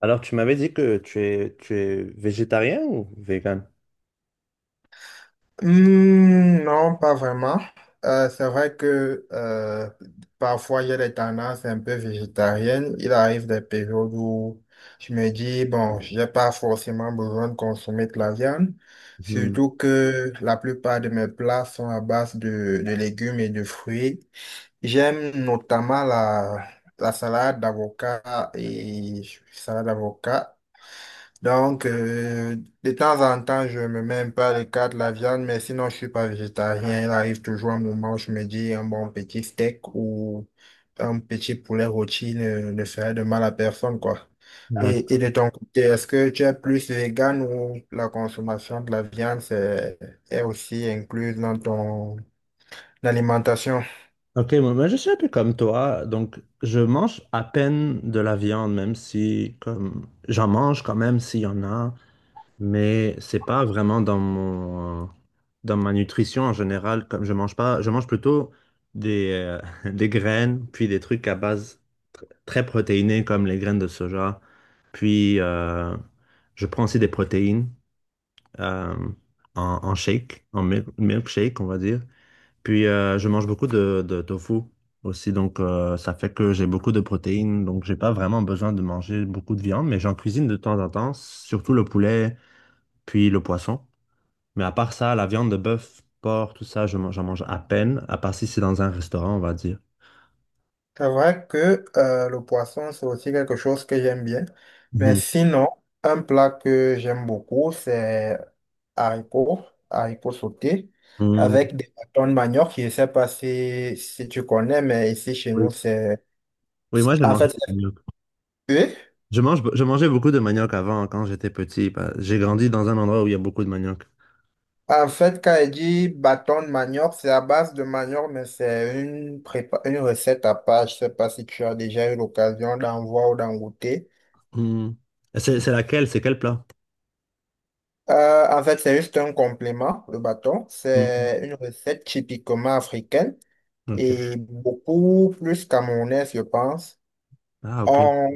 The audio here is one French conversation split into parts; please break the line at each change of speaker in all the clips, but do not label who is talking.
Alors, tu m'avais dit que tu es végétarien ou vegan?
Non, pas vraiment. C'est vrai que parfois il y a des tendances un peu végétariennes. Il arrive des périodes où je me dis, bon, j'ai pas forcément besoin de consommer de la viande.
Mhm.
Surtout que la plupart de mes plats sont à base de légumes et de fruits. J'aime notamment la salade d'avocat et salade d'avocat donc, de temps en temps, je me mets un peu à l'écart de la viande, mais sinon, je suis pas végétarien. Il arrive toujours un moment où je me dis un bon petit steak ou un petit poulet rôti ne ferait de mal à personne, quoi. Et
D'accord.
de ton côté, est-ce que tu es plus vegan ou la consommation de la viande est aussi incluse dans ton alimentation?
Ok, moi, je suis un peu comme toi, donc je mange à peine de la viande, même si comme j'en mange quand même s'il y en a, mais c'est pas vraiment dans mon dans ma nutrition en général. Comme je mange pas, je mange plutôt des des graines, puis des trucs à base très protéinés comme les graines de soja, puis je prends aussi des protéines. euh, en shake, en milkshake, on va dire. Puis je mange beaucoup de tofu aussi, donc ça fait que j'ai beaucoup de protéines, donc j'ai pas vraiment besoin de manger beaucoup de viande, mais j'en cuisine de temps en temps, surtout le poulet, puis le poisson. Mais à part ça, la viande de bœuf, porc, tout ça, j'en mange à peine, à part si c'est dans un restaurant, on va dire.
C'est vrai que le poisson, c'est aussi quelque chose que j'aime bien. Mais
Mhm.
sinon, un plat que j'aime beaucoup, c'est haricots, haricots sautés,
Mhm.
avec des bâtons de manioc. Je ne sais pas si tu connais, mais ici chez
Oui.
nous, c'est...
Oui, moi, je
En
mange
fait,
du
c'est
manioc.
cuit.
Je mangeais beaucoup de manioc avant, quand j'étais petit. J'ai grandi dans un endroit où il y a beaucoup de manioc.
En fait, quand elle dit bâton de manioc, c'est à base de manioc, mais c'est une une recette à part. Je ne sais pas si tu as déjà eu l'occasion d'en voir ou d'en goûter.
Hmm. Et c'est laquelle? C'est quel plat?
En fait, c'est juste un complément, le bâton.
Hmm.
C'est une recette typiquement africaine
Ok.
et beaucoup plus camerounaise, je pense.
Ah, ok.
On,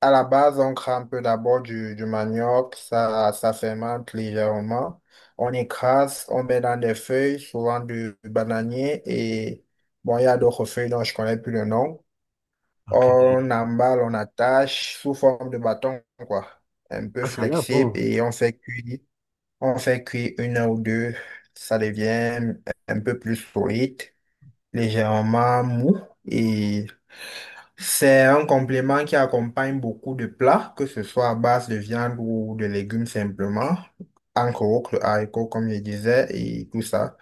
à la base, on crame peu d'abord du manioc, ça fermente légèrement. On écrase, on met dans des feuilles, souvent du bananier et bon, il y a d'autres feuilles dont je connais plus le nom.
Ok.
On emballe, on attache sous forme de bâton, quoi. Un peu
Ah, ça a l'air
flexible
bon.
et on fait cuire. On fait cuire une heure ou deux, ça devient un peu plus solide, légèrement mou. Et c'est un complément qui accompagne beaucoup de plats, que ce soit à base de viande ou de légumes simplement, encore autres haricot comme je disais, et tout ça.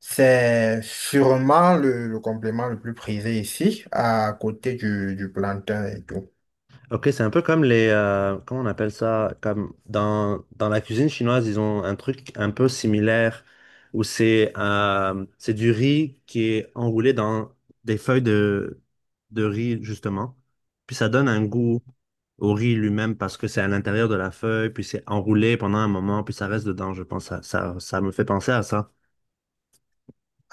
C'est sûrement le complément le plus prisé ici, à côté du plantain et tout.
Ok, c'est un peu comme les... comment on appelle ça? Comme dans la cuisine chinoise, ils ont un truc un peu similaire où c'est du riz qui est enroulé dans des feuilles de riz, justement. Puis ça donne un goût au riz lui-même parce que c'est à l'intérieur de la feuille, puis c'est enroulé pendant un moment, puis ça reste dedans, je pense. Ça me fait penser à ça.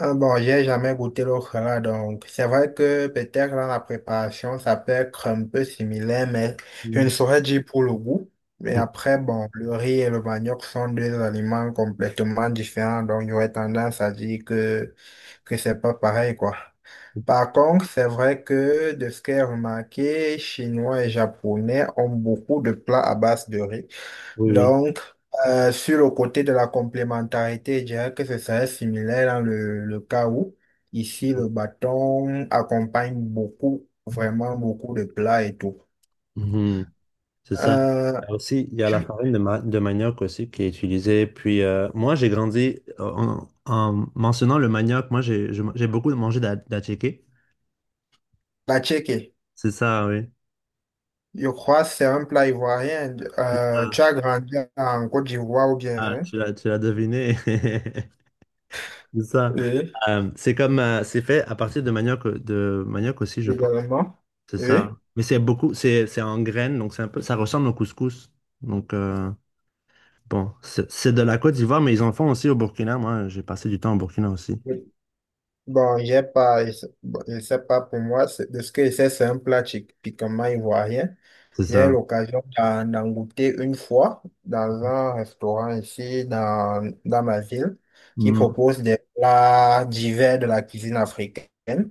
Ah bon, j'ai jamais goûté le là, donc c'est vrai que peut-être dans la préparation, ça peut être un peu similaire, mais je
Hmm.
ne saurais dire pour le goût. Mais après, bon, le riz et le manioc sont deux aliments complètement différents, donc j'aurais tendance à dire que c'est pas pareil, quoi. Par contre, c'est vrai que de ce que j'ai remarqué, Chinois et Japonais ont beaucoup de plats à base de riz.
Oui, oui.
Donc, sur le côté de la complémentarité, je dirais que ce serait similaire dans le cas où, ici, le bâton accompagne beaucoup, vraiment beaucoup de plats et tout.
Mhm. C'est ça.
Euh,
Il y a aussi, il y a la
tu-
farine de manioc aussi qui est utilisée. Puis moi, j'ai grandi en mentionnant le manioc. Moi, j'ai beaucoup mangé d'attiqué.
la tchéké,
C'est ça, oui.
je crois que c'est un plat ivoirien.
C'est ça.
Tu as grandi en Côte d'Ivoire ou bien,
Ah,
hein?
tu l'as deviné. C'est ça.
Oui,
C'est comme c'est fait à partir de manioc aussi, je pense.
également.
C'est
Oui.
ça. Mais c'est beaucoup, c'est en graines, donc c'est un peu, ça ressemble au couscous. Donc bon, c'est de la Côte d'Ivoire, mais ils en font aussi au Burkina. Moi, j'ai passé du temps au Burkina aussi.
Oui. Bon, j'ai pas, je sais bon, je sais pas pour moi, de ce que je sais, c'est un plat typiquement ivoirien.
C'est
J'ai eu
ça.
l'occasion d'en goûter une fois dans un restaurant ici dans ma ville qui
Hmm,
propose des plats divers de la cuisine africaine.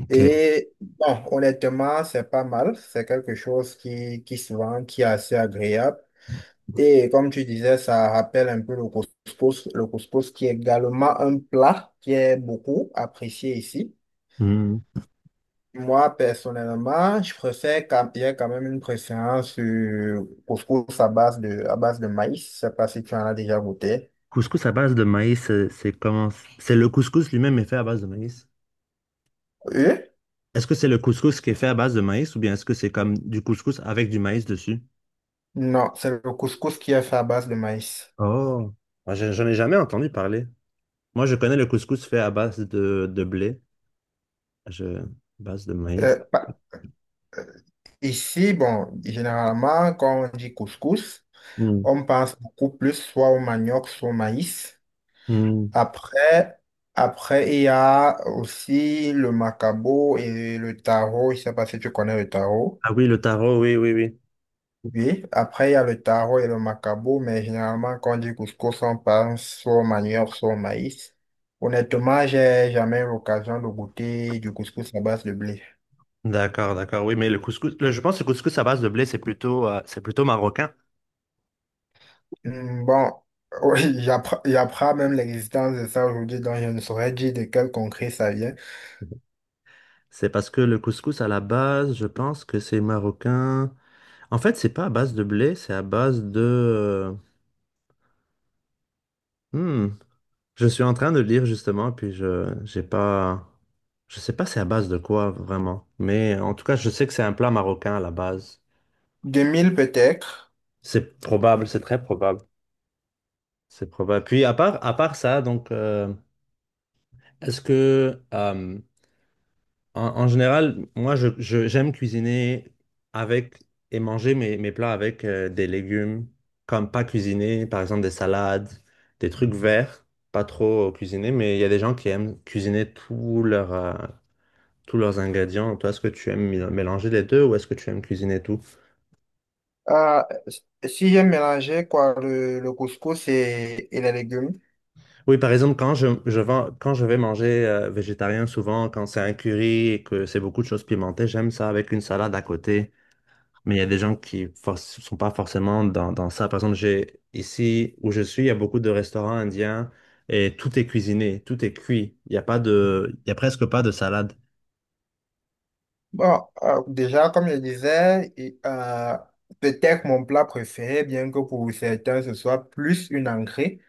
OK.
Et bon, honnêtement, c'est pas mal. C'est quelque chose qui se vend, qui est assez agréable. Et comme tu disais, ça rappelle un peu le couscous qui est également un plat qui est beaucoup apprécié ici.
Hmm.
Moi, personnellement, je préfère quand, il y a quand même une préférence couscous à base à base de maïs. Je sais pas si tu en as déjà goûté.
Couscous à base de maïs, c'est comment? C'est le couscous lui-même est fait à base de maïs.
Euh,
Est-ce que c'est le couscous qui est fait à base de maïs ou bien est-ce que c'est comme du couscous avec du maïs dessus?
non, c'est le couscous qui est fait à base de maïs.
Oh, ah, j'en ai jamais entendu parler. Moi, je connais le couscous fait à base de blé, je, base de
Euh,
maïs.
pa- Ici, bon, généralement, quand on dit couscous,
Hmm.
on pense beaucoup plus soit au manioc, soit au maïs.
Hmm.
Après, après, il y a aussi le macabo et le taro. Je sais pas si tu connais le taro.
Ah oui, le taro, oui, oui, oui.
Oui, après il y a le taro et le macabo, mais généralement quand on dit couscous, on pense soit au manioc, soit au maïs. Honnêtement, j'ai jamais eu l'occasion de goûter du couscous à base de blé.
D'accord, d'accord. Oui, mais je pense que le couscous à base de blé, c'est plutôt marocain.
Bon, oui, j'apprends même l'existence de ça aujourd'hui, donc je ne saurais dire de quel concret ça vient.
C'est parce que le couscous à la base, je pense que c'est marocain. En fait, c'est pas à base de blé, c'est à base de. Hmm. Je suis en train de lire justement, j'ai pas, je sais pas c'est à base de quoi vraiment. Mais en tout cas, je sais que c'est un plat marocain à la base.
Deux mille peut-être.
C'est probable, c'est très probable. C'est probable. Puis à part ça, donc, est-ce que en, en général, moi, j'aime cuisiner avec et manger mes plats avec des légumes, comme pas cuisiner, par exemple des salades, des trucs verts, pas trop cuisinés, mais il y a des gens qui aiment cuisiner tous leurs ingrédients. Toi, est-ce que tu aimes mélanger les deux ou est-ce que tu aimes cuisiner tout?
Ah, si j'ai mélangé quoi, le couscous et les légumes.
Oui, par exemple, quand je vais manger végétarien, souvent, quand c'est un curry et que c'est beaucoup de choses pimentées, j'aime ça avec une salade à côté. Mais il y a des gens qui ne sont pas forcément dans ça. Par exemple, j'ai, ici où je suis, il y a beaucoup de restaurants indiens et tout est cuisiné, tout est cuit. Il n'y a pas de, il y a presque pas de salade.
Bon, déjà, comme je disais, peut-être mon plat préféré, bien que pour certains ce soit plus une entrée,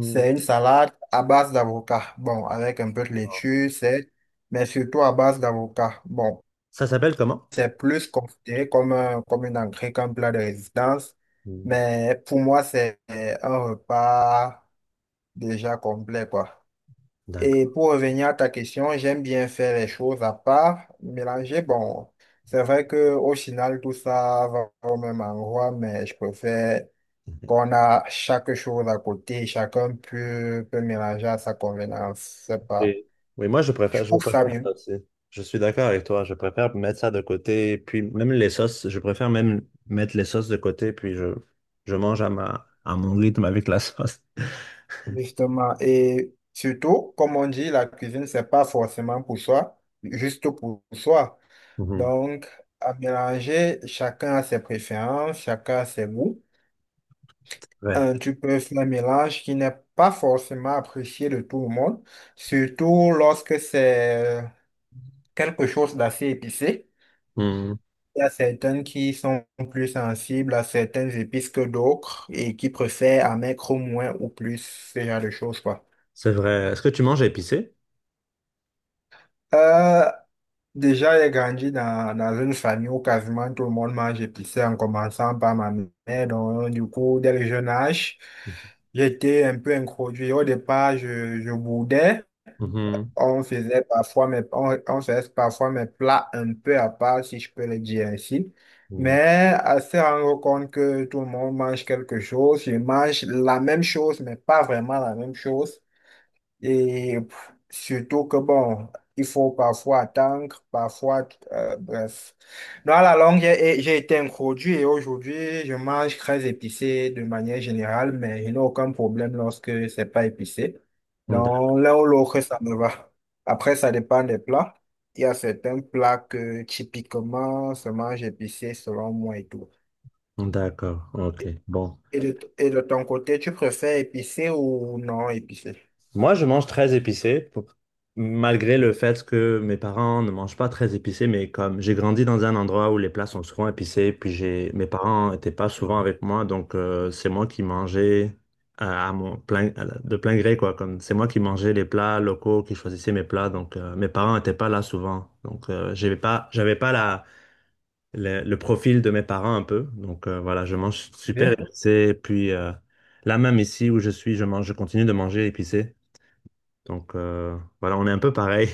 c'est une salade à base d'avocat. Bon, avec un peu de laitue, c'est, mais surtout à base d'avocat. Bon,
Ça s'appelle comment?
c'est plus considéré comme, comme une entrée qu'un plat de résistance,
Hmm,
mais pour moi, c'est un repas déjà complet, quoi. Et
d'accord.
pour revenir à ta question, j'aime bien faire les choses à part, mélanger. Bon, c'est vrai que au final, tout ça va au même endroit, mais je préfère qu'on a chaque chose à côté, chacun peut mélanger à sa convenance. C'est pas,
Et- oui,
je
je
trouve ça
préfère
mieux,
ça aussi. Je suis d'accord avec toi. Je préfère mettre ça de côté. Puis même les sauces, je préfère même mettre les sauces de côté. Puis je mange à ma, à mon rythme avec la sauce.
justement. Et surtout, comme on dit, la cuisine, c'est pas forcément pour soi, juste pour soi.
Mhm.
Donc, à mélanger, chacun a ses préférences, chacun a ses goûts.
Ouais.
Tu peux faire un mélange qui n'est pas forcément apprécié de tout le monde, surtout lorsque c'est quelque chose d'assez épicé.
Hmm,
Il y a certaines qui sont plus sensibles à certaines épices que d'autres et qui préfèrent en mettre au moins ou plus, ce genre de choses, quoi.
c'est vrai. Est-ce que tu manges épicé?
Euh, Déjà, j'ai grandi dans une famille où quasiment tout le monde mange épicé en commençant par ma mère. Donc, du coup, dès le jeune âge, j'étais un peu introduit. Au départ, je boudais.
Mhm.
On faisait parfois mes, on faisait parfois mes plats un peu à part, si je peux le dire ainsi. Mais à se rendre compte que tout le monde mange quelque chose, je mange la même chose, mais pas vraiment la même chose. Et pff, surtout que bon, il faut parfois attendre, parfois, bref. Dans la longue, j'ai été introduit et aujourd'hui, je mange très épicé de manière générale, mais je n'ai aucun problème lorsque c'est pas épicé.
Mhm. D'ac-
Donc, l'un ou l'autre, ça me va. Après, ça dépend des plats. Il y a certains plats que typiquement se mangent épicé selon moi et tout.
d'accord, ok. Bon.
Et de ton côté, tu préfères épicé ou non épicé?
Moi, je mange très épicé, pour- malgré le fait que mes parents ne mangent pas très épicé, mais comme j'ai grandi dans un endroit où les plats sont souvent épicés, puis j'ai mes parents n'étaient pas souvent avec moi, donc c'est moi qui mangeais à mon plein, à la- de plein gré, quoi. Comme c'est moi qui mangeais les plats locaux, qui choisissais mes plats, donc mes parents n'étaient pas là souvent, donc j'avais pas la le profil de mes parents un peu. Donc voilà, je mange super épicé. Puis là même ici où je suis, je continue de manger épicé. Donc voilà, on est un peu pareil.